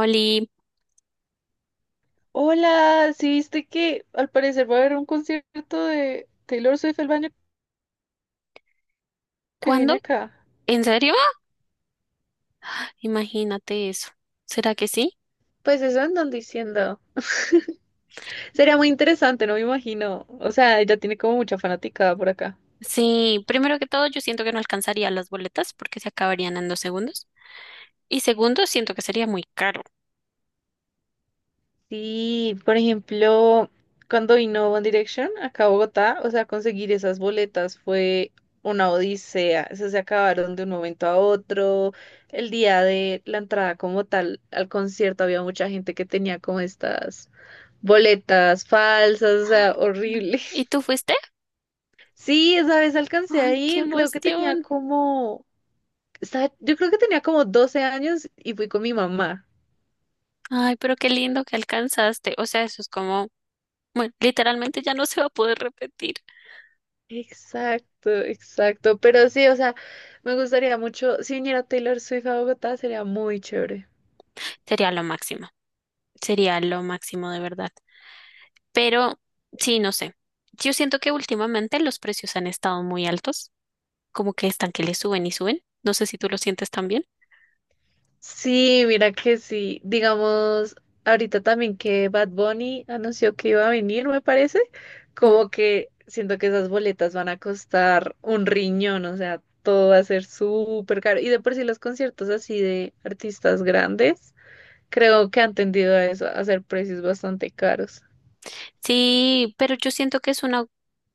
Oli, Hola, ¿sí viste que al parecer va a haber un concierto de Taylor Swift el año que viene ¿cuándo? acá? ¿En serio? ¡Ah! Imagínate eso. ¿Será que sí? Pues eso andan diciendo. Sería muy interesante, no me imagino. O sea, ella tiene como mucha fanaticada por acá. Sí, primero que todo, yo siento que no alcanzaría las boletas porque se acabarían en 2 segundos. Y segundo, siento que sería muy caro. Sí, por ejemplo, cuando vino One Direction acá a Bogotá, o sea, conseguir esas boletas fue una odisea. Eso se acabaron de un momento a otro. El día de la entrada como tal al concierto había mucha gente que tenía como estas boletas falsas, o Ay, sea, no. horrible. ¿Y tú fuiste? Sí, esa vez alcancé a Ay, qué ir, creo que tenía emoción. como, yo creo que tenía como 12 años y fui con mi mamá. Ay, pero qué lindo que alcanzaste. O sea, eso es como, bueno, literalmente ya no se va a poder repetir. Exacto, exacto. Pero sí, o sea, me gustaría mucho, si viniera Taylor Swift a Bogotá, sería muy chévere. Sería lo máximo. Sería lo máximo de verdad. Pero, sí, no sé. Yo siento que últimamente los precios han estado muy altos. Como que están que le suben y suben. No sé si tú lo sientes también. Sí, mira que sí. Digamos, ahorita también que Bad Bunny anunció que iba a venir, me parece, Ujú. como que siento que esas boletas van a costar un riñón, o sea, todo va a ser súper caro. Y de por sí los conciertos así de artistas grandes, creo que han tendido a eso, a hacer precios bastante caros. Sí, pero yo siento que es una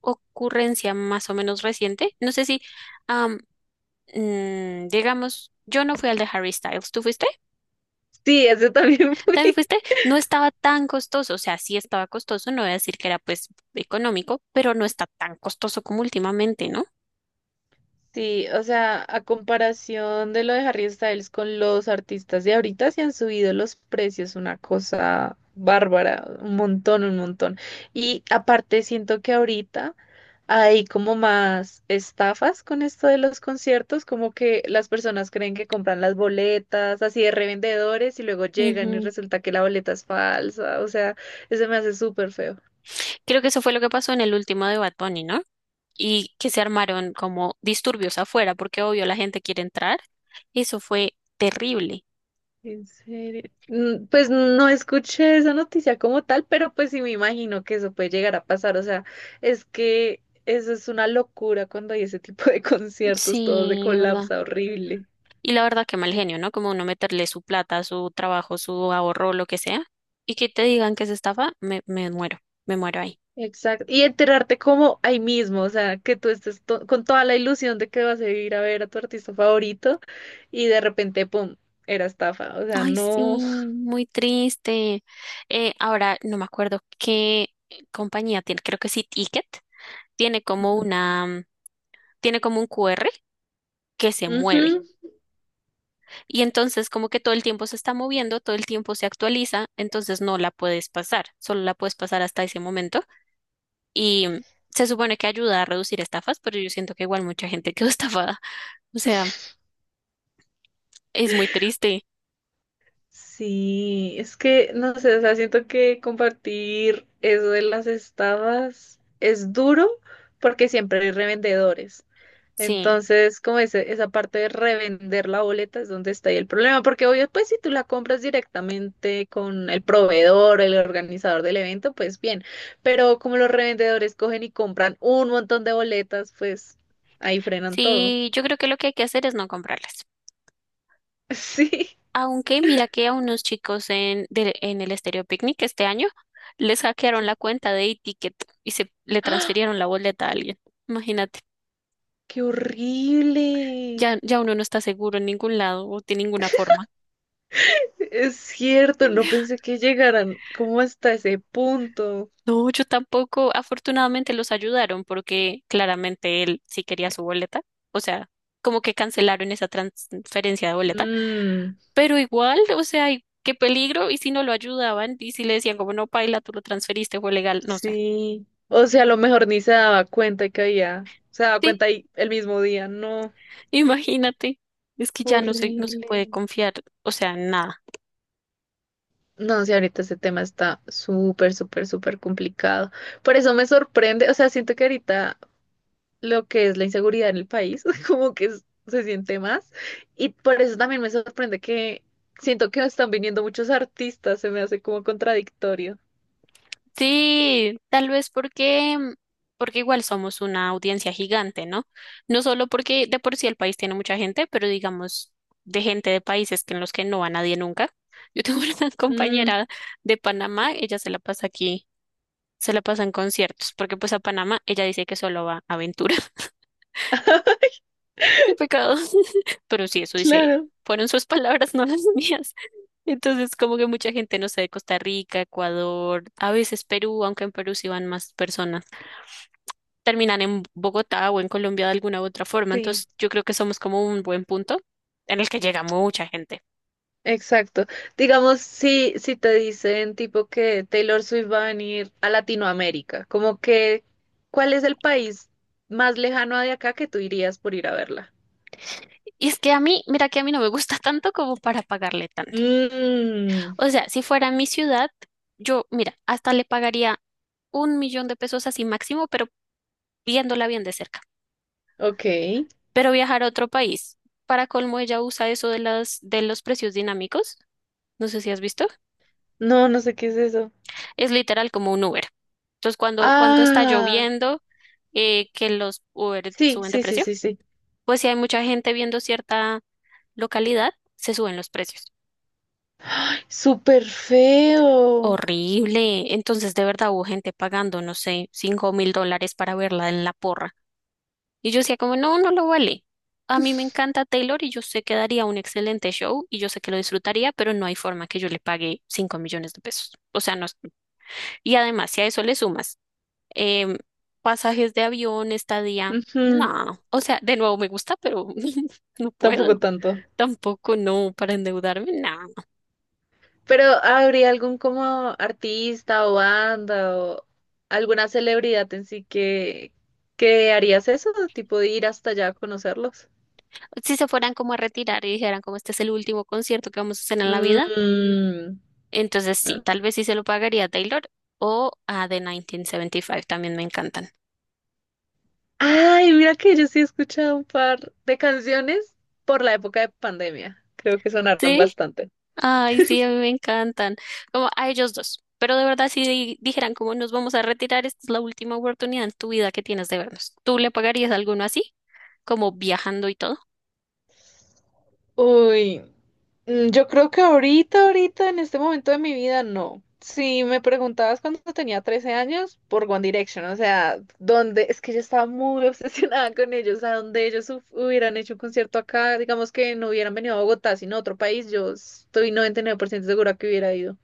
ocurrencia más o menos reciente. No sé si, am, digamos, yo no fui al de Harry Styles. ¿Tú fuiste? Sí, ese también ¿También fue. fuiste? No estaba tan costoso. O sea, sí estaba costoso. No voy a decir que era pues económico, pero no está tan costoso como últimamente, ¿no? Sí, o sea, a comparación de lo de Harry Styles con los artistas de ahorita, se han subido los precios, una cosa bárbara, un montón, un montón. Y aparte siento que ahorita hay como más estafas con esto de los conciertos, como que las personas creen que compran las boletas así de revendedores y luego llegan y Ujú. resulta que la boleta es falsa, o sea, eso me hace súper feo. Creo que eso fue lo que pasó en el último de Bad Bunny, ¿no? Y que se armaron como disturbios afuera, porque obvio la gente quiere entrar. Eso fue terrible. En serio. Pues no escuché esa noticia como tal, pero pues sí me imagino que eso puede llegar a pasar. O sea, es que eso es una locura cuando hay ese tipo de conciertos, todo se Sí, de verdad. colapsa horrible. Y la verdad que mal genio, ¿no? Como uno meterle su plata, su trabajo, su ahorro, lo que sea, y que te digan que es estafa, me muero, me muero ahí. Exacto. Y enterarte como ahí mismo, o sea, que tú estés con toda la ilusión de que vas a ir a ver a tu artista favorito y de repente, pum, era estafa. O sea, Ay, sí, no. muy triste. Ahora no me acuerdo qué compañía tiene, creo que sí Ticket, tiene como Ujú. una, tiene como un QR que se mueve. Ujú. Y entonces como que todo el tiempo se está moviendo, todo el tiempo se actualiza, entonces no la puedes pasar, solo la puedes pasar hasta ese momento. Y se supone que ayuda a reducir estafas, pero yo siento que igual mucha gente quedó estafada. O sea, es muy triste. Sí, es que, no sé, o sea, siento que compartir eso de las estafas es duro porque siempre hay revendedores. Sí, Entonces, como ese, esa parte de revender la boleta es donde está ahí el problema, porque obvio, pues si tú la compras directamente con el proveedor, el organizador del evento, pues bien, pero como los revendedores cogen y compran un montón de boletas, pues ahí frenan todo. sí, yo creo que lo que hay que hacer es no comprarlas. Sí, Aunque mira que a unos chicos en el Estéreo Picnic este año les hackearon sí. la cuenta de e-ticket y se le transfirieron la boleta a alguien. Imagínate, ¡Qué horrible! ya, ya uno no está seguro en ningún lado o de ninguna forma. Es cierto, no pensé que llegaran como hasta ese punto. No, yo tampoco. Afortunadamente los ayudaron porque claramente él sí quería su boleta. O sea, como que cancelaron esa transferencia de boleta. Mm, Pero igual, o sea, y qué peligro. Y si no lo ayudaban y si le decían como no, paila, tú lo transferiste, fue legal. No sé. sí. O sea, a lo mejor ni se daba cuenta que había. Se daba Sí, cuenta ahí el mismo día. No, imagínate. Es que ya no se puede horrible. confiar, o sea, en nada. No, sí, ahorita ese tema está súper, súper, súper complicado. Por eso me sorprende. O sea, siento que ahorita lo que es la inseguridad en el país, como que se siente más. Y por eso también me sorprende que siento que están viniendo muchos artistas. Se me hace como contradictorio. Sí, tal vez porque igual somos una audiencia gigante, ¿no? No solo porque de por sí el país tiene mucha gente, pero digamos de gente de países que en los que no va nadie nunca. Yo tengo una Mm. compañera de Panamá, ella se la pasa aquí, se la pasa en conciertos, porque pues a Panamá ella dice que solo va a aventura. Qué pecado. Pero sí, eso dice ella. Claro, Fueron sus palabras, no las mías. Entonces, como que mucha gente, no sé, de Costa Rica, Ecuador, a veces Perú, aunque en Perú sí van más personas, terminan en Bogotá o en Colombia de alguna u otra forma. sí, Entonces, yo creo que somos como un buen punto en el que llega mucha gente. exacto. Digamos, si te dicen tipo que Taylor Swift va a venir a Latinoamérica, como que, ¿cuál es el país más lejano de acá que tú irías por ir a verla? Y es que a mí, mira que a mí no me gusta tanto como para pagarle tanto. Mmm, O sea, si fuera mi ciudad, yo, mira, hasta le pagaría 1 millón de pesos así máximo, pero viéndola bien de cerca. ok. Pero viajar a otro país, para colmo ella usa eso de de los precios dinámicos. No sé si has visto. No, no sé qué es eso. Es literal como un Uber. Entonces, cuando está Ah, lloviendo, que los Uber sí, suben de sí, sí, precio. sí, sí. Pues si hay mucha gente viendo cierta localidad, se suben los precios. Súper feo. Horrible. Entonces, de verdad hubo gente pagando, no sé, 5.000 dólares para verla en la porra. Y yo decía como, no, no lo vale. A mí me encanta Taylor y yo sé que daría un excelente show y yo sé que lo disfrutaría, pero no hay forma que yo le pague 5 millones de pesos. O sea, no. Y además, si a eso le sumas em, pasajes de avión, estadía, Ujú. no. O sea, de nuevo me gusta, pero no Tampoco puedo. tanto. Tampoco no para endeudarme, no. Pero ¿habría algún como artista o banda o alguna celebridad en sí que, harías eso? Tipo de ir hasta allá a conocerlos. Si se fueran como a retirar y dijeran como este es el último concierto que vamos a hacer en la vida, Mm. entonces sí, tal vez sí se lo pagaría a Taylor o a The 1975, también me encantan. Ay, mira que yo sí he escuchado un par de canciones por la época de pandemia. Creo que sonaron Sí, bastante. ay, sí, a mí me encantan. Como a ellos dos. Pero de verdad, si dijeran como nos vamos a retirar, esta es la última oportunidad en tu vida que tienes de vernos. ¿Tú le pagarías a alguno así? Como viajando y todo. Uy. Yo creo que ahorita, ahorita, en este momento de mi vida, no. Si me preguntabas cuando tenía 13 años, por One Direction, o sea, donde, es que yo estaba muy obsesionada con ellos, o sea, donde ellos hubieran hecho un concierto acá, digamos que no hubieran venido a Bogotá, sino a otro país, yo estoy 99% segura que hubiera ido.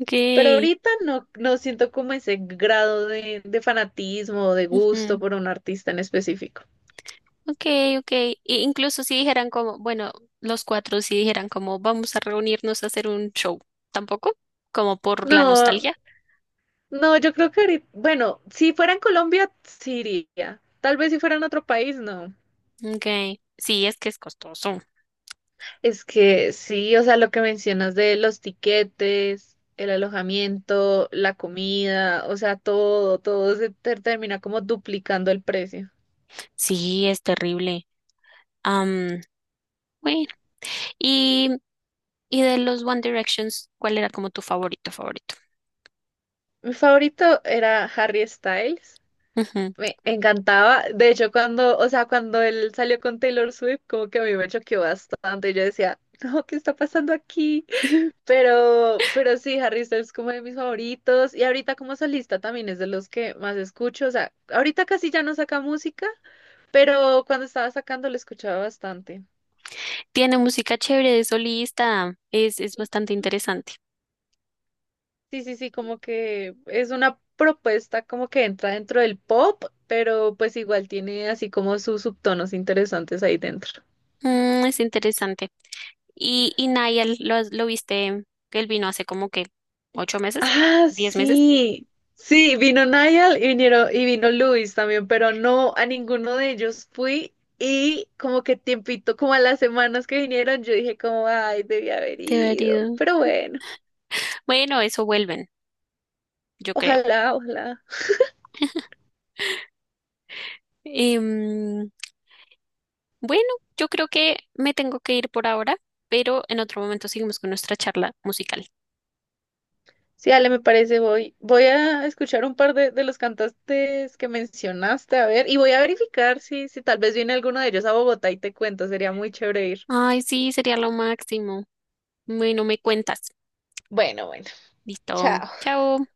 Ok. Pero ahorita no, no siento como ese grado de fanatismo, de gusto Ujú. por un artista en específico. Ok, ok. E incluso si dijeran como, bueno, los cuatro si dijeran como, vamos a reunirnos a hacer un show, tampoco, como por la No, nostalgia. no, yo creo que ahorita, bueno, si fuera en Colombia, sí iría. Tal vez si fuera en otro país, no. Ok, sí, es que es costoso. Es que sí, o sea, lo que mencionas de los tiquetes, el alojamiento, la comida, o sea, todo, todo se termina como duplicando el precio. Sí, es terrible. Am, bueno, y, y de los One Directions, ¿cuál era como tu favorito, favorito? Mi favorito era Harry Styles. Ujú. Me encantaba. De hecho, cuando, o sea, cuando él salió con Taylor Swift, como que a mí me choqueó bastante. Yo decía, no, ¿qué está pasando aquí? Pero sí, Harry Styles es como de mis favoritos. Y ahorita como solista también es de los que más escucho. O sea, ahorita casi ya no saca música, pero cuando estaba sacando lo escuchaba bastante. Tiene música chévere de solista, es bastante Ujú. interesante. Sí, sí, sí, como que es una propuesta como que entra dentro del pop, pero pues igual tiene así como sus subtonos interesantes ahí dentro. Mm, es interesante. Y Niall, lo viste? Que él vino hace como que 8 meses, Ah, 10 meses. sí. Sí, vino Niall y vinieron, y vino Luis también, pero no a ninguno de ellos fui. Y como que tiempito, como a las semanas que vinieron, yo dije como, ay, debí haber Te ido. valido. Pero bueno, Bueno, eso vuelven, yo creo. ojalá, ojalá. Em, bueno, yo creo que me tengo que ir por ahora, pero en otro momento seguimos con nuestra charla musical. Sí, Ale, me parece, voy a escuchar un par de, los cantantes que mencionaste, a ver, y voy a verificar si tal vez viene alguno de ellos a Bogotá y te cuento, sería muy chévere ir. Ay, sí, sería lo máximo. Bueno, me cuentas. Bueno, bueno, Listo. chao. Chao.